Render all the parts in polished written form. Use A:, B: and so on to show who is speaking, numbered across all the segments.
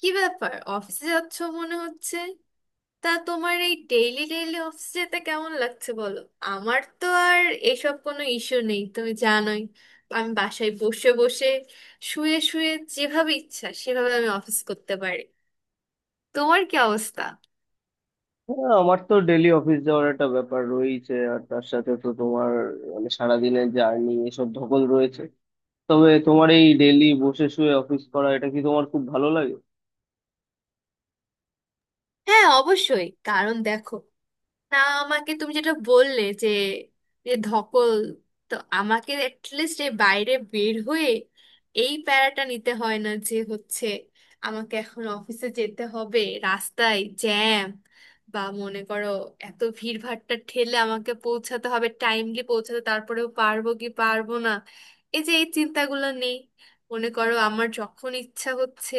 A: কি ব্যাপার, অফিসে যাচ্ছ মনে হচ্ছে? তা তোমার এই ডেইলি ডেইলি অফিসে যেতে কেমন লাগছে বলো। আমার তো আর এসব কোনো ইস্যু নেই, তুমি জানোই। আমি বাসায় বসে বসে শুয়ে শুয়ে যেভাবে ইচ্ছা সেভাবে আমি অফিস করতে পারি। তোমার কি অবস্থা?
B: হ্যাঁ, আমার তো ডেলি অফিস যাওয়ার একটা ব্যাপার রয়েছে, আর তার সাথে তো তোমার মানে সারাদিনের জার্নি এসব ধকল রয়েছে। তবে তোমার এই ডেলি বসে শুয়ে অফিস করা, এটা কি তোমার খুব ভালো লাগে?
A: হ্যাঁ অবশ্যই, কারণ দেখো না, আমাকে তুমি যেটা বললে যে যে ধকল, তো আমাকে অ্যাটলিস্ট এই বাইরে বের হয়ে এই প্যারাটা নিতে হয় না যে হচ্ছে আমাকে এখন অফিসে যেতে হবে, রাস্তায় জ্যাম, বা মনে করো এত ভিড়ভাট্টা ঠেলে আমাকে পৌঁছাতে হবে, টাইমলি পৌঁছাতে তারপরেও পারবো কি পারবো না, এই যে এই চিন্তাগুলো নেই। মনে করো আমার যখন ইচ্ছা হচ্ছে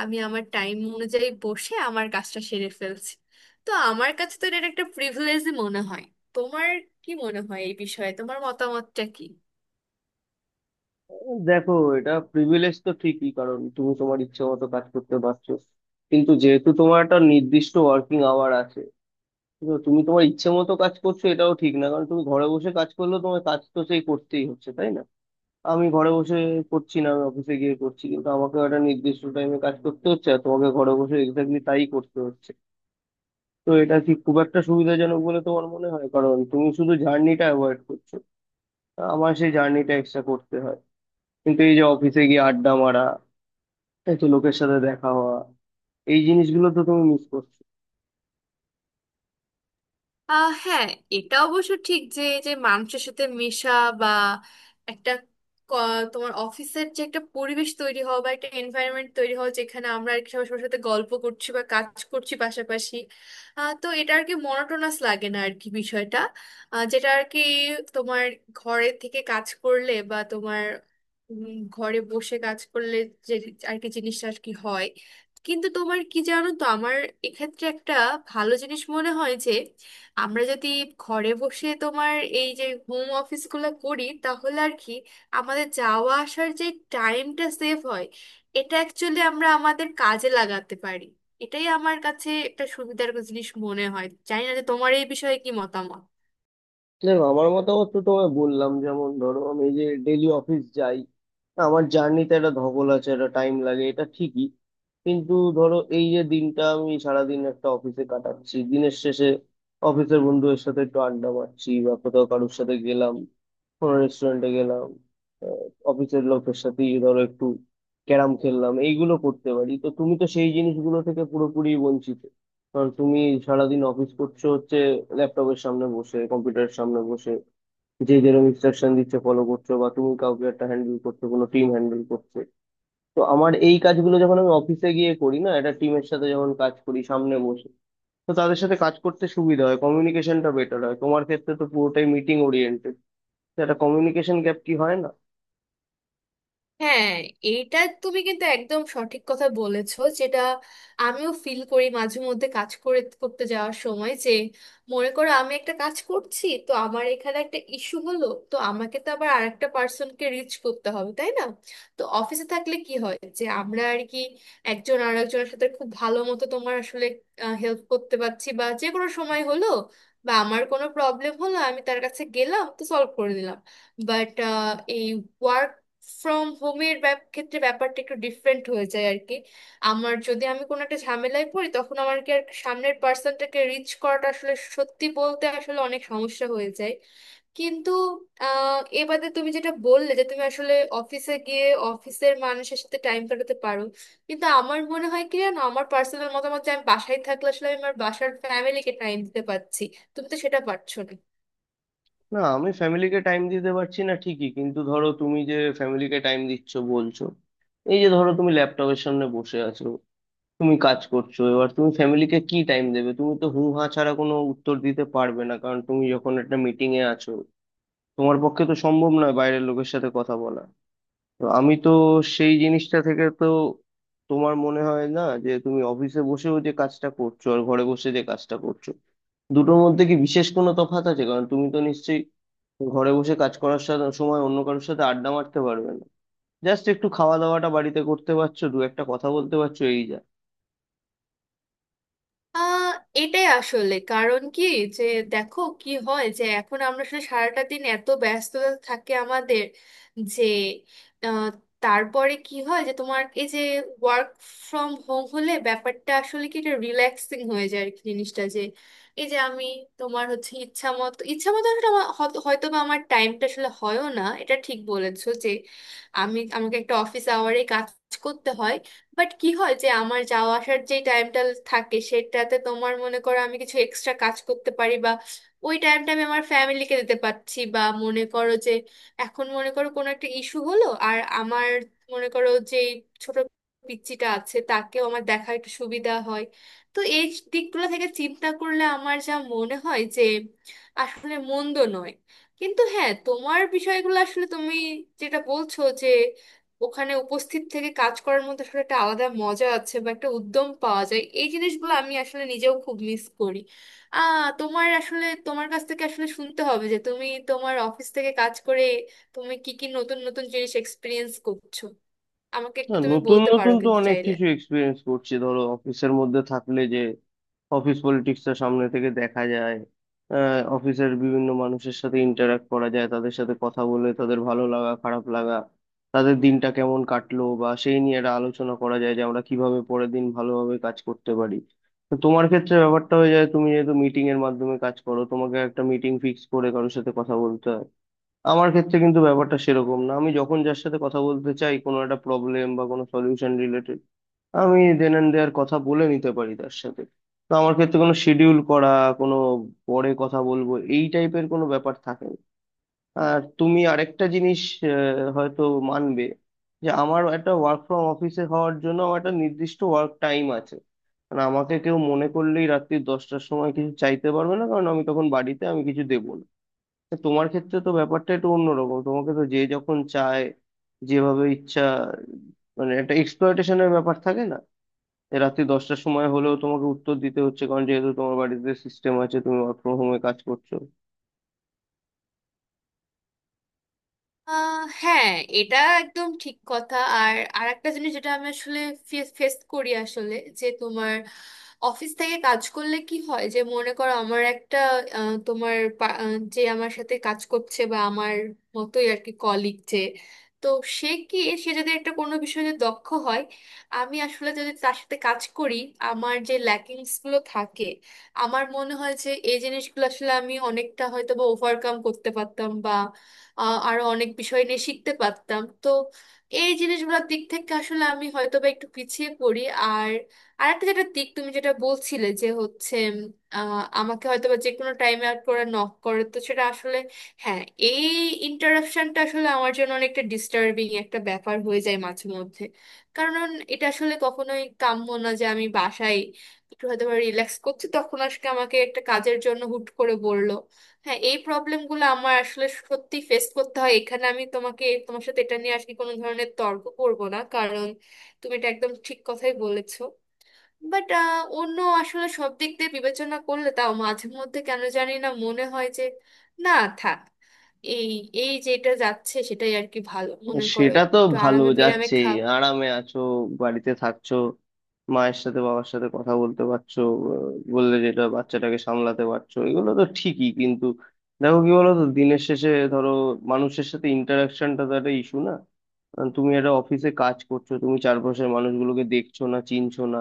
A: আমি আমার টাইম অনুযায়ী বসে আমার কাজটা সেরে ফেলছি, তো আমার কাছে তো এটা একটা প্রিভিলেজই মনে হয়। তোমার কি মনে হয় এই বিষয়ে, তোমার মতামতটা কি?
B: দেখো, এটা প্রিভিলেজ তো ঠিকই, কারণ তুমি তোমার ইচ্ছে মতো কাজ করতে পারছো। কিন্তু যেহেতু তোমার একটা নির্দিষ্ট ওয়ার্কিং আওয়ার আছে, তো তুমি তোমার ইচ্ছে মতো কাজ করছো এটাও ঠিক না, কারণ তুমি ঘরে বসে কাজ করলেও তোমার কাজ তো সেই করতেই হচ্ছে, তাই না? আমি ঘরে বসে করছি না, আমি অফিসে গিয়ে করছি, কিন্তু আমাকে একটা নির্দিষ্ট টাইমে কাজ করতে হচ্ছে, আর তোমাকে ঘরে বসে এক্স্যাক্টলি তাই করতে হচ্ছে। তো এটা কি খুব একটা সুবিধাজনক বলে তোমার মনে হয়? কারণ তুমি শুধু জার্নিটা অ্যাভয়েড করছো, আমার সেই জার্নিটা এক্সট্রা করতে হয়। কিন্তু এই যে অফিসে গিয়ে আড্ডা মারা, এই তো লোকের সাথে দেখা হওয়া, এই জিনিসগুলো তো তুমি মিস করছো।
A: হ্যাঁ, এটা অবশ্য ঠিক যে এই যে মানুষের সাথে মেশা বা একটা তোমার অফিসের যে একটা পরিবেশ তৈরি হওয়া বা একটা এনভায়রনমেন্ট তৈরি হওয়া, যেখানে আমরা আর কি সবার সবার সাথে গল্প করছি বা কাজ করছি পাশাপাশি। তো এটা আর কি মনোটোনাস লাগে না আর কি বিষয়টা। যেটা আর কি তোমার ঘরে থেকে কাজ করলে বা তোমার ঘরে বসে কাজ করলে যে আর কি জিনিসটা আর কি হয়। কিন্তু তোমার কি জানো তো, আমার এক্ষেত্রে একটা ভালো জিনিস মনে হয়, আমরা যদি ঘরে বসে তোমার এই যে হোম অফিসগুলো করি তাহলে আর কি আমাদের যাওয়া আসার যে টাইমটা সেভ হয়, এটা অ্যাকচুয়ালি আমরা আমাদের কাজে লাগাতে পারি। এটাই আমার কাছে একটা সুবিধার জিনিস মনে হয়, জানি না যে তোমার এই বিষয়ে কি মতামত।
B: দেখো, আমার মতামত তো তোমায় বললাম। যেমন ধরো আমি যে ডেলি অফিস যাই, আমার জার্নিতে একটা ধকল আছে, একটা টাইম লাগে, এটা ঠিকই। কিন্তু ধরো এই যে দিনটা আমি সারাদিন একটা অফিসে কাটাচ্ছি, দিনের শেষে অফিসের বন্ধুদের সাথে একটু আড্ডা মারছি, বা কোথাও কারোর সাথে গেলাম, কোনো রেস্টুরেন্টে গেলাম, অফিসের লোকের সাথে ধরো একটু ক্যারাম খেললাম, এইগুলো করতে পারি। তো তুমি তো সেই জিনিসগুলো থেকে পুরোপুরি বঞ্চিত, কারণ তুমি সারাদিন অফিস করছো হচ্ছে ল্যাপটপের সামনে বসে কম্পিউটারের সামনে বসে, যে যেরকম ইনস্ট্রাকশন দিচ্ছে ফলো করছো, বা তুমি কাউকে একটা হ্যান্ডেল করছো, কোনো টিম হ্যান্ডেল করছো। তো আমার এই কাজগুলো যখন আমি অফিসে গিয়ে করি না, একটা টিমের সাথে যখন কাজ করি সামনে বসে, তো তাদের সাথে কাজ করতে সুবিধা হয়, কমিউনিকেশনটা বেটার হয়। তোমার ক্ষেত্রে তো পুরোটাই মিটিং ওরিয়েন্টেড, একটা কমিউনিকেশন গ্যাপ কি হয় না?
A: হ্যাঁ, এটা তুমি কিন্তু একদম সঠিক কথা বলেছো, যেটা আমিও ফিল করি মাঝে মধ্যে কাজ করে করতে যাওয়ার সময় যে মনে করো আমি একটা কাজ করছি তো আমার এখানে একটা ইস্যু হলো, তো আমাকে তো আবার আরেকটা একটা পার্সনকে রিচ করতে হবে তাই না। তো অফিসে থাকলে কি হয় যে আমরা আর কি একজন আরেকজনের সাথে খুব ভালো মতো তোমার আসলে হেল্প করতে পারছি, বা যে কোনো সময় হলো বা আমার কোনো প্রবলেম হলো, আমি তার কাছে গেলাম তো সলভ করে দিলাম। বাট এই ওয়ার্ক ফ্রম হোমের ক্ষেত্রে ব্যাপারটা একটু ডিফারেন্ট হয়ে যায় আর কি। আমার যদি আমি কোনো একটা ঝামেলায় পড়ি তখন আমার কি আর সামনের পার্সনটাকে রিচ করাটা আসলে সত্যি বলতে আসলে অনেক সমস্যা হয়ে যায়। কিন্তু এ বাদে তুমি যেটা বললে যে তুমি আসলে অফিসে গিয়ে অফিসের মানুষের সাথে টাইম কাটাতে পারো, কিন্তু আমার মনে হয় কি জানো, আমার পার্সোনাল মতামত যে আমি বাসায় থাকলে আসলে আমি আমার বাসার ফ্যামিলিকে টাইম দিতে পারছি, তুমি তো সেটা পারছো না।
B: না, আমি ফ্যামিলিকে টাইম দিতে পারছি না ঠিকই, কিন্তু ধরো তুমি যে ফ্যামিলিকে টাইম দিচ্ছ বলছো, এই যে ধরো তুমি ল্যাপটপের সামনে বসে আছো, তুমি কাজ করছো, এবার তুমি ফ্যামিলিকে কি টাইম দেবে? তুমি তো হু হা ছাড়া কোনো উত্তর দিতে পারবে না, কারণ তুমি যখন একটা মিটিং এ আছো তোমার পক্ষে তো সম্ভব নয় বাইরের লোকের সাথে কথা বলা। তো আমি তো সেই জিনিসটা থেকে তো তোমার মনে হয় না যে তুমি অফিসে বসেও যে কাজটা করছো আর ঘরে বসে যে কাজটা করছো দুটোর মধ্যে কি বিশেষ কোনো তফাৎ আছে? কারণ তুমি তো নিশ্চয়ই ঘরে বসে কাজ করার সাথে সময় অন্য কারোর সাথে আড্ডা মারতে পারবে না। জাস্ট একটু খাওয়া দাওয়াটা বাড়িতে করতে পারছো, দু একটা কথা বলতে পারছো, এই যা।
A: আহ এটাই আসলে কারণ কি যে দেখো কি হয় যে এখন আমরা আসলে সারাটা দিন এত ব্যস্ততা থাকে আমাদের যে আহ, তারপরে কি হয় যে তোমার এই যে ওয়ার্ক ফ্রম হোম হলে ব্যাপারটা আসলে কি, এটা রিল্যাক্সিং হয়ে যায় আর কি জিনিসটা, যে এই যে আমি তোমার হচ্ছে ইচ্ছা মতো আসলে আমার হয়তো বা আমার টাইমটা আসলে হয়ও না, এটা ঠিক বলেছো যে আমি আমাকে একটা অফিস আওয়ারে কাজ করতে হয়। বাট কি হয় যে আমার যাওয়া আসার যে টাইমটা থাকে সেটাতে তোমার মনে করো আমি কিছু এক্সট্রা কাজ করতে পারি, বা ওই টাইমটা আমি আমার ফ্যামিলিকে দিতে পারছি, বা মনে করো যে এখন মনে করো কোনো একটা ইস্যু হলো আর আমার মনে করো যে ছোট পিচ্চিটা আছে তাকেও আমার দেখা একটু সুবিধা হয়। তো এই দিকগুলো থেকে চিন্তা করলে আমার যা মনে হয় যে আসলে মন্দ নয়। কিন্তু হ্যাঁ, তোমার বিষয়গুলো আসলে তুমি যেটা বলছো যে ওখানে উপস্থিত থেকে কাজ করার মধ্যে আসলে একটা আলাদা মজা আছে বা একটা উদ্যম পাওয়া যায়, এই জিনিসগুলো আমি আসলে নিজেও খুব মিস করি। তোমার আসলে তোমার কাছ থেকে আসলে শুনতে হবে যে তুমি তোমার অফিস থেকে কাজ করে তুমি কি কি নতুন নতুন জিনিস এক্সপিরিয়েন্স করছো, আমাকে
B: না,
A: একটু তুমি
B: নতুন
A: বলতে পারো
B: নতুন তো
A: কিন্তু
B: অনেক
A: চাইলে।
B: কিছু এক্সপিরিয়েন্স করছি। ধরো অফিসের মধ্যে থাকলে যে অফিস পলিটিক্সটা সামনে থেকে দেখা যায়, অফিসের বিভিন্ন মানুষের সাথে ইন্টারাক্ট করা যায়, তাদের সাথে কথা বলে তাদের ভালো লাগা খারাপ লাগা, তাদের দিনটা কেমন কাটলো, বা সেই নিয়ে একটা আলোচনা করা যায় যে আমরা কিভাবে পরের দিন ভালোভাবে কাজ করতে পারি। তো তোমার ক্ষেত্রে ব্যাপারটা হয়ে যায় তুমি যেহেতু মিটিং এর মাধ্যমে কাজ করো, তোমাকে একটা মিটিং ফিক্স করে কারোর সাথে কথা বলতে হয়। আমার ক্ষেত্রে কিন্তু ব্যাপারটা সেরকম না, আমি যখন যার সাথে কথা বলতে চাই কোনো একটা প্রবলেম বা কোনো সলিউশন রিলেটেড, আমি দেন অ্যান্ড দেয়ার কথা বলে নিতে পারি তার সাথে। তো আমার ক্ষেত্রে কোনো শিডিউল করা, কোনো পরে কথা বলবো, এই টাইপের কোনো ব্যাপার থাকে না। আর তুমি আরেকটা জিনিস হয়তো মানবে, যে আমার একটা ওয়ার্ক ফ্রম অফিসে হওয়ার জন্য আমার একটা নির্দিষ্ট ওয়ার্ক টাইম আছে। মানে আমাকে কেউ মনে করলেই রাত্রি 10টার সময় কিছু চাইতে পারবে না, কারণ আমি তখন বাড়িতে, আমি কিছু দেবো না। তা তোমার ক্ষেত্রে তো ব্যাপারটা একটু অন্যরকম, তোমাকে তো যে যখন চায় যেভাবে ইচ্ছা, মানে একটা এক্সপ্লয়টেশনের ব্যাপার থাকে না? রাত্রি 10টার সময় হলেও তোমাকে উত্তর দিতে হচ্ছে, কারণ যেহেতু তোমার বাড়িতে সিস্টেম আছে তুমি ওয়ার্ক ফ্রম হোমে কাজ করছো।
A: হ্যাঁ, এটা একদম ঠিক কথা। আর আর একটা জিনিস যেটা আমি আসলে ফেস করি আসলে, যে তোমার অফিস থেকে কাজ করলে কি হয় যে মনে করো আমার একটা তোমার যে আমার সাথে কাজ করছে বা আমার মতোই আর কি কলিগ, যে তো সে কি, সে যদি একটা কোনো বিষয়ে দক্ষ হয় আমি আসলে যদি তার সাথে কাজ করি আমার যে ল্যাকিংস গুলো থাকে আমার মনে হয় যে এই জিনিসগুলো আসলে আমি অনেকটা হয়তো বা ওভারকাম করতে পারতাম বা আরো অনেক বিষয় নিয়ে শিখতে পারতাম। তো এই জিনিসগুলোর দিক থেকে আসলে আমি হয়তো বা একটু পিছিয়ে পড়ি। আর একটা যেটা দিক তুমি যেটা বলছিলে যে হচ্ছে আহ, আমাকে হয়তো বা যে কোনো টাইমে আর করে নক করে, তো সেটা আসলে হ্যাঁ এই ইন্টারাপশনটা আসলে আমার জন্য অনেকটা ডিস্টার্বিং একটা ব্যাপার হয়ে যায় মাঝে মধ্যে। কারণ এটা আসলে কখনোই কাম্য না, যে আমি বাসায় একটু হয়তো বা রিল্যাক্স করছি তখন আজকে আমাকে একটা কাজের জন্য হুট করে বললো। হ্যাঁ, এই প্রবলেমগুলো আমার আসলে সত্যি ফেস করতে হয়, এখানে আমি তোমাকে তোমার সাথে এটা নিয়ে আজকে কোনো ধরনের তর্ক করব না, কারণ তুমি এটা একদম ঠিক কথাই বলেছো। বাট অন্য আসলে সব দিক দিয়ে বিবেচনা করলে তাও মাঝে মধ্যে কেন জানি না মনে হয় যে, না, থাক, এই এই যেটা যাচ্ছে সেটাই আর কি ভালো মনে করো।
B: সেটা তো
A: একটু
B: ভালো
A: আরামে বিরামে
B: যাচ্ছেই,
A: খাও।
B: আরামে আছো, বাড়িতে থাকছো, মায়ের সাথে বাবার সাথে কথা বলতে পারছো, বললে যেটা বাচ্চাটাকে সামলাতে পারছো, এগুলো তো ঠিকই। কিন্তু দেখো কি বলতো, দিনের শেষে ধরো মানুষের সাথে ইন্টারাকশনটা তো একটা ইস্যু না? কারণ তুমি একটা অফিসে কাজ করছো, তুমি চারপাশের মানুষগুলোকে দেখছো না, চিনছো না,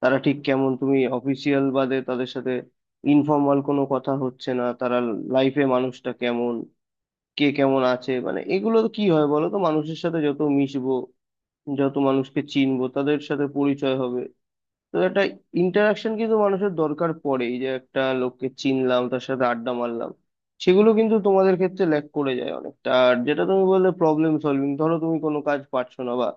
B: তারা ঠিক কেমন। তুমি অফিসিয়াল বাদে তাদের সাথে ইনফর্মাল কোনো কথা হচ্ছে না, তারা লাইফে মানুষটা কেমন, কে কেমন আছে, মানে এগুলো তো কি হয় বলো তো, মানুষের সাথে যত মিশবো, যত মানুষকে চিনবো, তাদের সাথে পরিচয় হবে। তো একটা ইন্টারাকশন কিন্তু মানুষের দরকার পড়ে, এই যে একটা লোককে চিনলাম, তার সাথে আড্ডা মারলাম, সেগুলো কিন্তু তোমাদের ক্ষেত্রে ল্যাক করে যায় অনেকটা। আর যেটা তুমি বললে প্রবলেম সলভিং, ধরো তুমি কোনো কাজ পারছো না, বা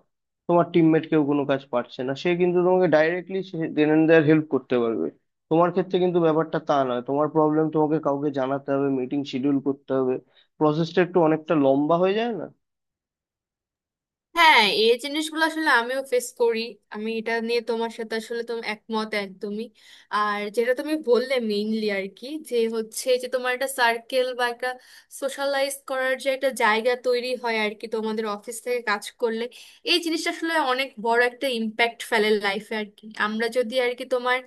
B: তোমার টিমমেট কেউ কোনো কাজ পারছে না, সে কিন্তু তোমাকে directly then and there help করতে পারবে। তোমার ক্ষেত্রে কিন্তু ব্যাপারটা তা নয়, তোমার প্রবলেম তোমাকে কাউকে জানাতে হবে, মিটিং শিডিউল করতে হবে, প্রসেসটা একটু অনেকটা লম্বা হয়ে যায় না?
A: হ্যাঁ, এই জিনিসগুলো আসলে আমিও ফেস করি। আমি এটা নিয়ে তোমার সাথে আসলে তুমি একমত একদমই। আর যেটা তুমি বললে মেইনলি আর কি যে হচ্ছে যে তোমার একটা সার্কেল বা একটা সোশ্যালাইজ করার যে একটা জায়গা তৈরি হয় আর কি তোমাদের অফিস থেকে কাজ করলে, এই জিনিসটা আসলে অনেক বড় একটা ইম্প্যাক্ট ফেলে লাইফে আর কি। আমরা যদি আর কি তোমার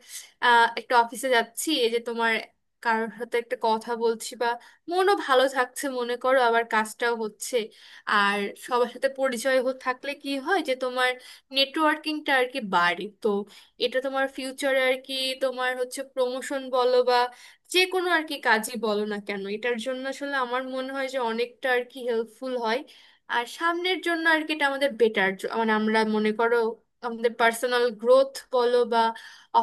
A: একটা অফিসে যাচ্ছি এই যে তোমার কারোর সাথে একটা কথা বলছি বা মনও ভালো থাকছে মনে করো আবার কাজটাও হচ্ছে। আর সবার সাথে পরিচয় থাকলে কি হয় যে তোমার নেটওয়ার্কিংটা আর কি বাড়ে। তো এটা তোমার ফিউচারে আর কি তোমার হচ্ছে প্রমোশন বলো বা যে কোনো আর কি কাজই বলো না কেন, এটার জন্য আসলে আমার মনে হয় যে অনেকটা আর কি হেল্পফুল হয়। আর সামনের জন্য আর কি এটা আমাদের বেটার, মানে আমরা মনে করো আমাদের পার্সোনাল গ্রোথ বলো বা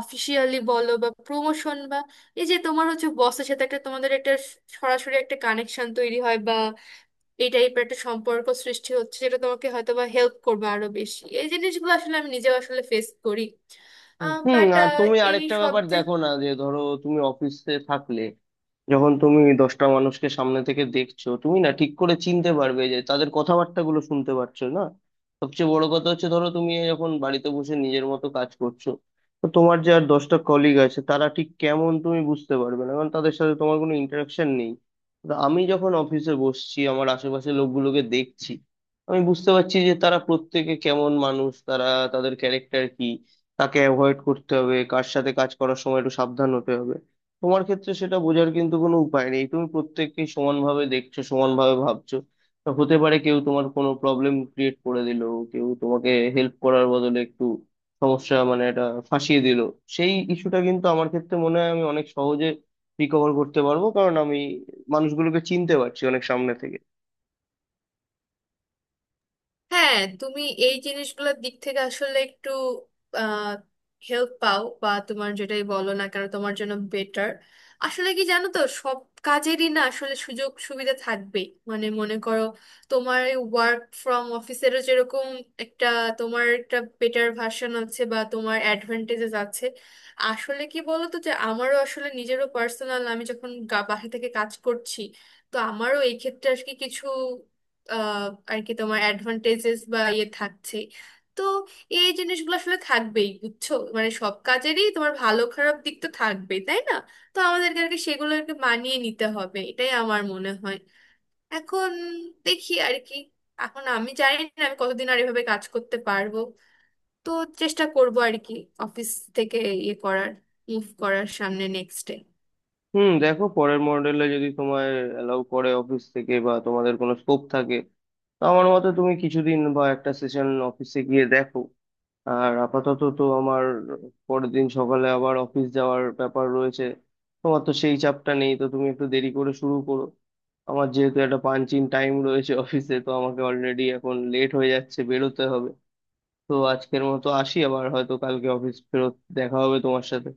A: অফিসিয়ালি বলো বা প্রমোশন, বা এই যে তোমার হচ্ছে বসের সাথে একটা তোমাদের একটা সরাসরি একটা কানেকশন তৈরি হয়, এই টাইপের একটা সম্পর্ক সৃষ্টি হচ্ছে যেটা তোমাকে হয়তো বা হেল্প করবে আরো বেশি, এই জিনিসগুলো আসলে আমি নিজেও আসলে ফেস করি।
B: হুম, হুম,
A: বাট
B: আর তুমি
A: এই
B: আরেকটা
A: সব
B: ব্যাপার
A: দিক।
B: দেখো না, যে ধরো তুমি অফিসে থাকলে যখন তুমি দশটা মানুষকে সামনে থেকে দেখছো, তুমি না ঠিক করে চিনতে পারবে যে তাদের কথাবার্তাগুলো শুনতে পারছো না। সবচেয়ে বড় কথা হচ্ছে, ধরো তুমি যখন বাড়িতে বসে নিজের মতো কাজ করছো, তো তোমার যে আর দশটা কলিগ আছে, তারা ঠিক কেমন তুমি বুঝতে পারবে না, কারণ তাদের সাথে তোমার কোনো ইন্টারাকশন নেই। তো আমি যখন অফিসে বসছি, আমার আশেপাশে লোকগুলোকে দেখছি, আমি বুঝতে পারছি যে তারা প্রত্যেকে কেমন মানুষ, তারা তাদের ক্যারেক্টার কি, তাকে অ্যাভয়েড করতে হবে, কার সাথে কাজ করার সময় একটু সাবধান হতে হবে। তোমার ক্ষেত্রে সেটা বোঝার কিন্তু কোনো উপায় নেই, তুমি প্রত্যেককে সমানভাবে দেখছো, সমানভাবে ভাবছো। তো হতে পারে কেউ তোমার কোনো প্রবলেম ক্রিয়েট করে দিল, কেউ তোমাকে হেল্প করার বদলে একটু সমস্যা, মানে এটা ফাঁসিয়ে দিল। সেই ইস্যুটা কিন্তু আমার ক্ষেত্রে মনে হয় আমি অনেক সহজে রিকভার করতে পারবো, কারণ আমি মানুষগুলোকে চিনতে পারছি অনেক সামনে থেকে।
A: হ্যাঁ তুমি, এই জিনিসগুলোর দিক থেকে আসলে একটু আহ হেল্প পাও বা তোমার যেটাই বলো না কেন তোমার জন্য বেটার। আসলে কি জানো তো, সব কাজেরই না আসলে সুযোগ সুবিধা থাকবেই। মানে মনে করো তোমার ওয়ার্ক ফ্রম অফিসেরও যেরকম একটা তোমার একটা বেটার ভার্সন আছে বা তোমার অ্যাডভান্টেজেস আছে। আসলে কি বলো তো যে আমারও আসলে নিজেরও পার্সোনাল আমি যখন বাসা থেকে কাজ করছি, তো আমারও এই ক্ষেত্রে আর কি কিছু আহ, আর কি তোমার অ্যাডভান্টেজেস বা ইয়ে থাকছে। তো এই জিনিসগুলো আসলে থাকবেই বুঝছো, মানে সব কাজেরই তোমার ভালো খারাপ দিক তো থাকবেই তাই না। তো আমাদেরকে আর কি সেগুলোকে মানিয়ে নিতে হবে এটাই আমার মনে হয়। এখন দেখি আর কি, এখন আমি জানি না আমি কতদিন আর এভাবে কাজ করতে পারবো, তো চেষ্টা করবো আর কি অফিস থেকে ইয়ে করার, মুভ করার সামনে নেক্সটে।
B: হুম, দেখো পরের মডেলে যদি তোমার অ্যালাউ করে অফিস থেকে, বা তোমাদের কোনো স্কোপ থাকে, তো আমার মতে তুমি কিছুদিন বা একটা সেশন অফিসে গিয়ে দেখো। আর আপাতত তো আমার পরের দিন সকালে আবার অফিস যাওয়ার ব্যাপার রয়েছে, তোমার তো সেই চাপটা নেই, তো তুমি একটু দেরি করে শুরু করো। আমার যেহেতু একটা পাঞ্চিং টাইম রয়েছে অফিসে, তো আমাকে অলরেডি এখন লেট হয়ে যাচ্ছে, বেরোতে হবে। তো আজকের মতো আসি, আবার হয়তো কালকে অফিস ফেরত দেখা হবে তোমার সাথে।